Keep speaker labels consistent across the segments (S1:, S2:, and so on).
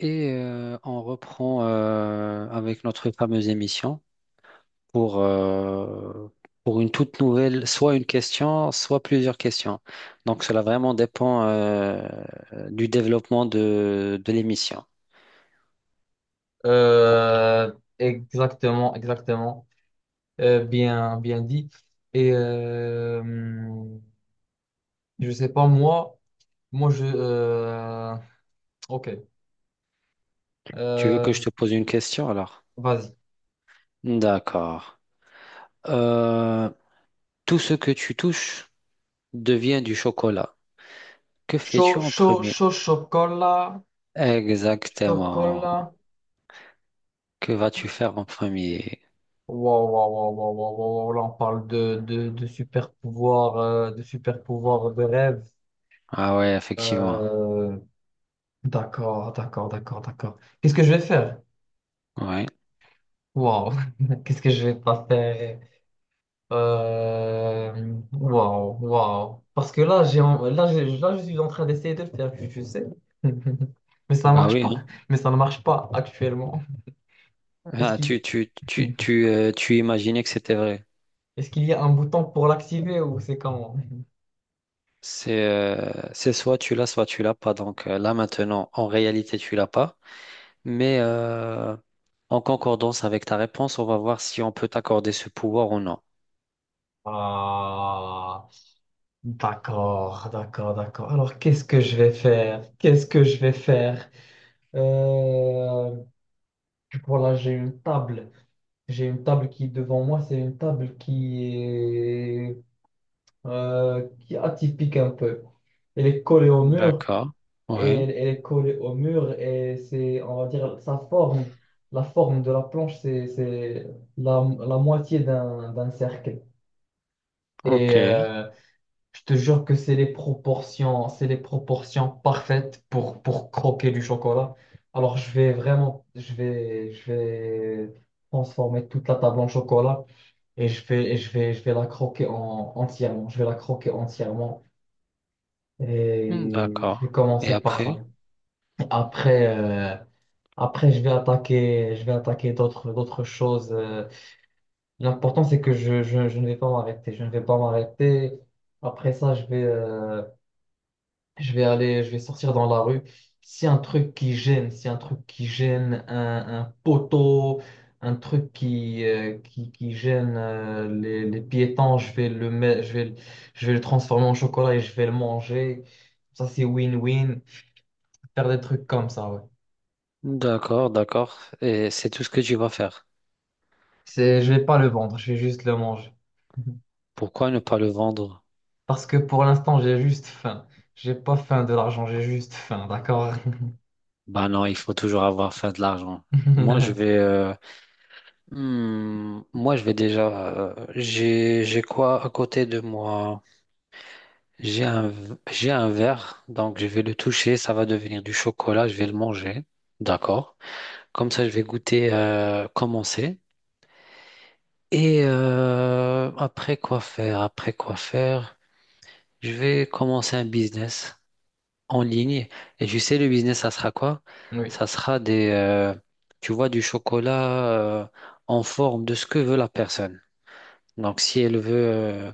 S1: On reprend avec notre fameuse émission pour, euh, pour une toute nouvelle, soit une question, soit plusieurs questions. Donc cela vraiment dépend du développement de l'émission.
S2: Euh, Exactement, exactement. Bien dit. Et euh, je sais pas moi, moi je. Ok.
S1: Tu veux que je
S2: Euh,
S1: te pose une question alors?
S2: Vas-y.
S1: D'accord. Euh, tout ce que tu touches devient du chocolat. Que fais-tu
S2: Chaud,
S1: en
S2: chaud,
S1: premier?
S2: chaud, chocolat,
S1: Exactement.
S2: chocolat.
S1: Que vas-tu faire en premier?
S2: Waouh, waouh, waouh, waouh, waouh, waouh, waouh. Là on parle de super pouvoir, de super pouvoir de rêve.
S1: Ah ouais, effectivement.
S2: Euh, d'accord, d'accord, d'accord, d'accord. Qu'est-ce que je vais faire?
S1: Ouais.
S2: Waouh. Qu'est-ce que je vais pas faire? Waouh, waouh. Parce que là, là, là, je suis en train d'essayer de le faire, tu sais. Mais ça ne
S1: Bah
S2: marche
S1: oui.
S2: pas. Mais ça ne marche pas actuellement. Est-ce
S1: Ah,
S2: qu'il
S1: tu imaginais que c'était vrai.
S2: est-ce qu'il y a un bouton pour l'activer ou c'est comment?
S1: C'est soit tu l'as pas. Donc là maintenant, en réalité, tu l'as pas. Mais en concordance avec ta réponse, on va voir si on peut t'accorder ce pouvoir ou non.
S2: Ah, d'accord, d'accord, d'accord. Alors, qu'est-ce que je vais faire? Qu'est-ce que je vais faire? Euh, voilà, j'ai une table. J'ai une table qui est devant moi. C'est une table qui est atypique un peu. Elle est collée au mur,
S1: D'accord.
S2: et
S1: Ouais.
S2: elle, elle est collée au mur, et c'est, on va dire, sa forme, la forme de la planche, c'est la moitié d'un cercle. Et
S1: Ok.
S2: euh, je te jure que c'est les proportions parfaites pour croquer du chocolat. Alors je vais vraiment, je vais transformer toute la table en chocolat et je vais la croquer entièrement. Je vais la croquer entièrement. Et je
S1: D'accord.
S2: vais
S1: Et
S2: commencer par ça.
S1: après?
S2: Après, après je vais attaquer d'autres, d'autres choses. L'important, c'est que je ne vais pas m'arrêter. Je ne vais pas m'arrêter. Après ça, je vais sortir dans la rue. Si un truc qui gêne, si un truc qui gêne un poteau, un truc qui qui, gêne les piétons, je vais le transformer en chocolat et je vais le manger. Ça, c'est win-win. Faire des trucs comme ça, ouais.
S1: D'accord, d'accord. Et c'est tout ce que tu vas faire.
S2: C'est, je vais pas le vendre, je vais juste le manger.
S1: Pourquoi ne pas le vendre?
S2: Parce que pour l'instant, j'ai juste faim. J'ai pas faim de l'argent, j'ai juste faim, d'accord?
S1: Bah non, il faut toujours avoir fait de l'argent. Moi, je vais déjà. J'ai quoi à côté de moi? J'ai un, j'ai un verre, donc je vais le toucher. Ça va devenir du chocolat. Je vais le manger. D'accord. Comme ça, je vais goûter comment c'est. Et après quoi faire? Après quoi faire? Je vais commencer un business en ligne. Et je sais, le business, ça sera quoi?
S2: Oui.
S1: Ça sera des. Tu vois, du chocolat euh, en forme de ce que veut la personne. Donc, si elle veut.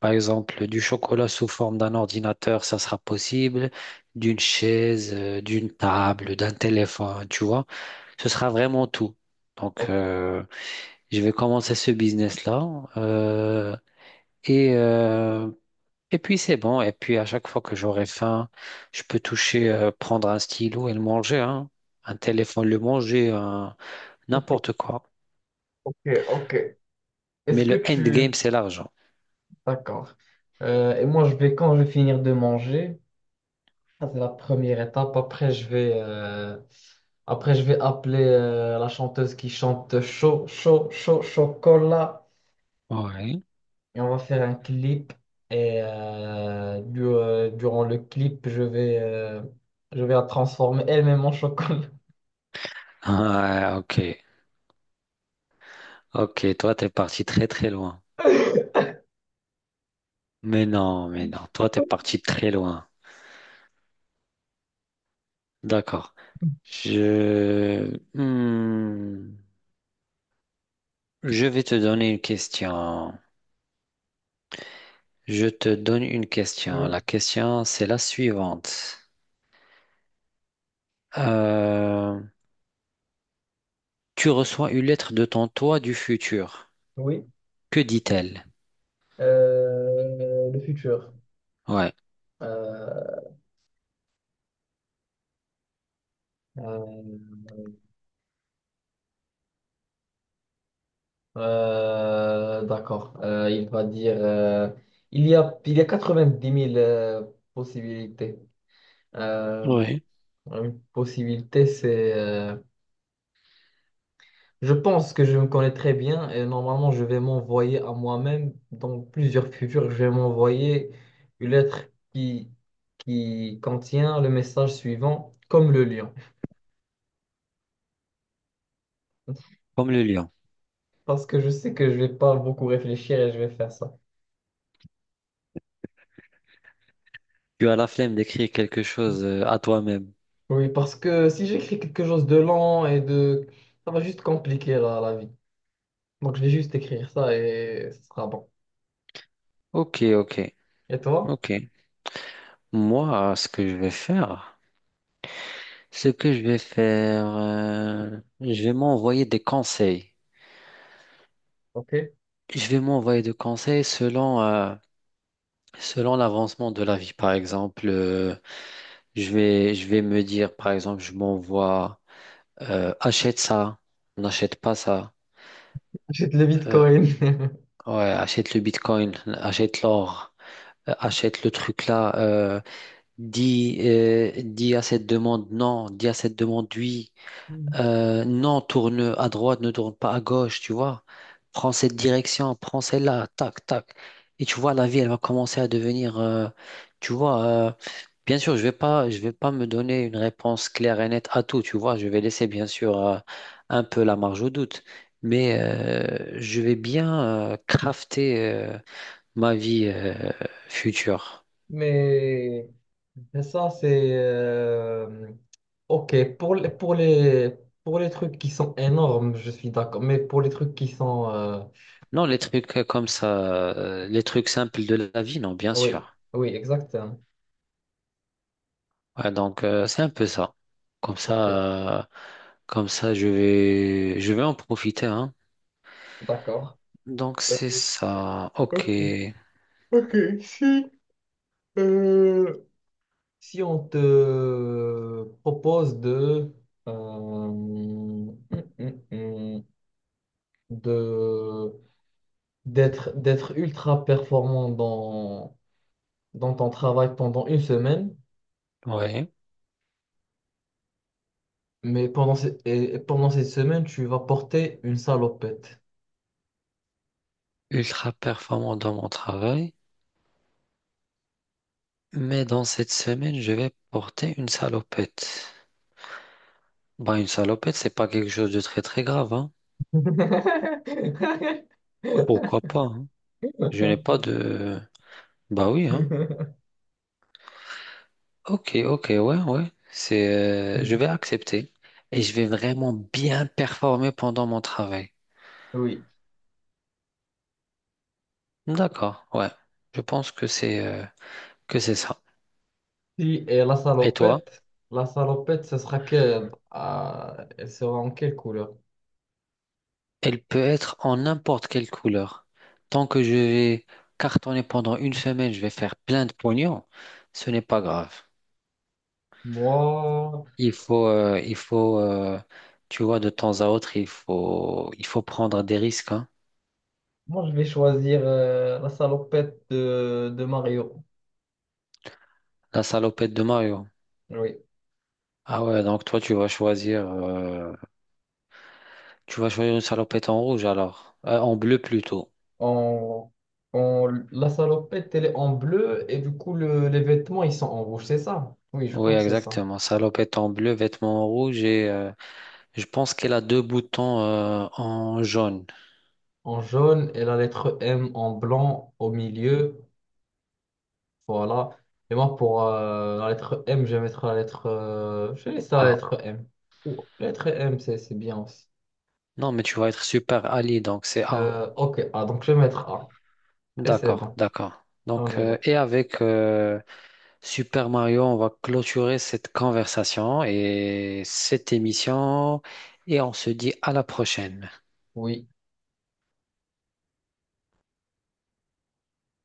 S1: Par exemple, du chocolat sous forme d'un ordinateur, ça sera possible, d'une chaise, d'une table, d'un téléphone, tu vois. Ce sera vraiment tout. Donc,
S2: Ok,
S1: euh, je vais commencer ce business-là. euh, et, euh, et puis, c'est bon. Et puis, à chaque fois que j'aurai faim, je peux toucher, prendre un stylo et le manger, hein. Un téléphone, le manger, n'importe quoi.
S2: ok, ok. Est-ce
S1: Mais
S2: que
S1: le
S2: tu...
S1: endgame, c'est l'argent.
S2: D'accord. Et moi, je vais, quand je vais finir de manger, ça c'est la première étape. Après, je vais appeler la chanteuse qui chante chaud, chaud, chaud, chocolat.
S1: Ouais.
S2: Et on va faire un clip. Durant le clip, je vais la transformer elle-même en chocolat.
S1: Ah, ok. Ok, toi, t'es parti très, très loin. Mais non, mais non. Toi, t'es parti très loin. D'accord. Hmm. Je vais te donner une question. Je te donne une question.
S2: Oui,
S1: La question, c'est la suivante. Euh, Tu reçois une lettre de ton toi du futur.
S2: oui.
S1: Que dit-elle?
S2: Le futur.
S1: Ouais.
S2: Euh, euh, d'accord. Il va dire il y a 90 000 possibilités. Euh,
S1: Oui.
S2: une possibilité, c'est je pense que je me connais très bien et normalement je vais m'envoyer à moi-même dans plusieurs futurs, je vais m'envoyer une lettre qui, qui contient le message suivant, comme le lion.
S1: Comme le lion.
S2: Parce que je sais que je vais pas beaucoup réfléchir et je vais faire ça.
S1: Tu as la flemme d'écrire quelque chose à toi-même.
S2: Oui, parce que si j'écris quelque chose de lent et de... ça va juste compliquer la vie. Donc je vais juste écrire ça et ce sera bon.
S1: Ok, ok,
S2: Et toi?
S1: ok. Moi, ce que je vais faire... Ce que je vais faire, je vais m'envoyer des conseils.
S2: Ok.
S1: Je vais m'envoyer des conseils selon, selon l'avancement de la vie. Par exemple, je vais me dire, par exemple, je m'envoie, achète ça, n'achète pas ça.
S2: Achète le
S1: Euh,
S2: Bitcoin.
S1: ouais, Achète le Bitcoin, achète l'or, achète le truc là. Dis, dis à cette demande non, dis à cette demande oui. Non, Tourne à droite, ne tourne pas à gauche, tu vois. Prends cette direction, prends celle-là, tac, tac. Et tu vois, la vie, elle va commencer à devenir, tu vois, euh, bien sûr, je vais pas me donner une réponse claire et nette à tout, tu vois. Je vais laisser, bien sûr, un peu la marge au doute. Mais je vais bien crafter ma vie future.
S2: Mais et ça, c'est... Ok, pour les trucs qui sont énormes, je suis d'accord. Mais pour les trucs qui sont...
S1: Non, les trucs comme ça, les trucs simples de la vie, non, bien
S2: Oui,
S1: sûr.
S2: oui, exactement.
S1: Ouais, donc c'est un peu ça. Comme
S2: Ok,
S1: ça, euh, Comme ça, je vais en profiter, hein.
S2: d'accord.
S1: Donc
S2: Euh,
S1: c'est ça. Ok.
S2: Ok, ok. Si, euh, si on te propose euh, hum, hum, hum, de d'être ultra performant dans, dans ton travail pendant une semaine.
S1: Ouais.
S2: Mais et pendant cette semaine, tu vas porter une salopette.
S1: Ultra performant dans mon travail, mais dans cette semaine, je vais porter une salopette. Bah, une salopette, c'est pas quelque chose de très très grave, hein. Pourquoi pas, hein. Je n'ai pas de. Bah oui, hein. Ok, ok, ouais, ouais. C'est, je vais accepter et je vais vraiment bien performer pendant mon travail.
S2: Oui.
S1: D'accord, ouais. Je pense que c'est ça.
S2: Si, et
S1: Et toi?
S2: la salopette, ce sera quelle? Ah, elle sera en quelle couleur?
S1: Elle peut être en n'importe quelle couleur. Tant que je vais cartonner pendant une semaine, je vais faire plein de pognon. Ce n'est pas grave.
S2: Moi,
S1: Il faut, tu vois, de temps à autre, il faut prendre des risques, hein.
S2: moi je vais choisir la salopette de Mario.
S1: La salopette de Mario.
S2: Oui.
S1: Ah ouais, donc toi, tu vas choisir une salopette en rouge alors, en bleu plutôt.
S2: En, en, la salopette, elle est en bleu et du coup, les vêtements, ils sont en rouge, c'est ça? Oui, je
S1: Oui,
S2: crois que c'est ça.
S1: exactement. Salopette en bleu, vêtements en rouge et je pense qu'elle a 2 boutons en jaune.
S2: En jaune et la lettre M en blanc au milieu. Voilà. Et moi, pour la lettre M, je vais mettre la lettre. Je vais laisser la
S1: Ah,
S2: lettre M. Ou lettre M, c'est bien aussi.
S1: non, mais tu vas être Super Ali, donc c'est A.
S2: Ok, ah, donc je vais mettre A. Et c'est
S1: D'accord,
S2: bon.
S1: d'accord.
S2: On
S1: Donc,
S2: est bon.
S1: et avec Super Mario, on va clôturer cette conversation et cette émission et on se dit à la prochaine.
S2: Oui.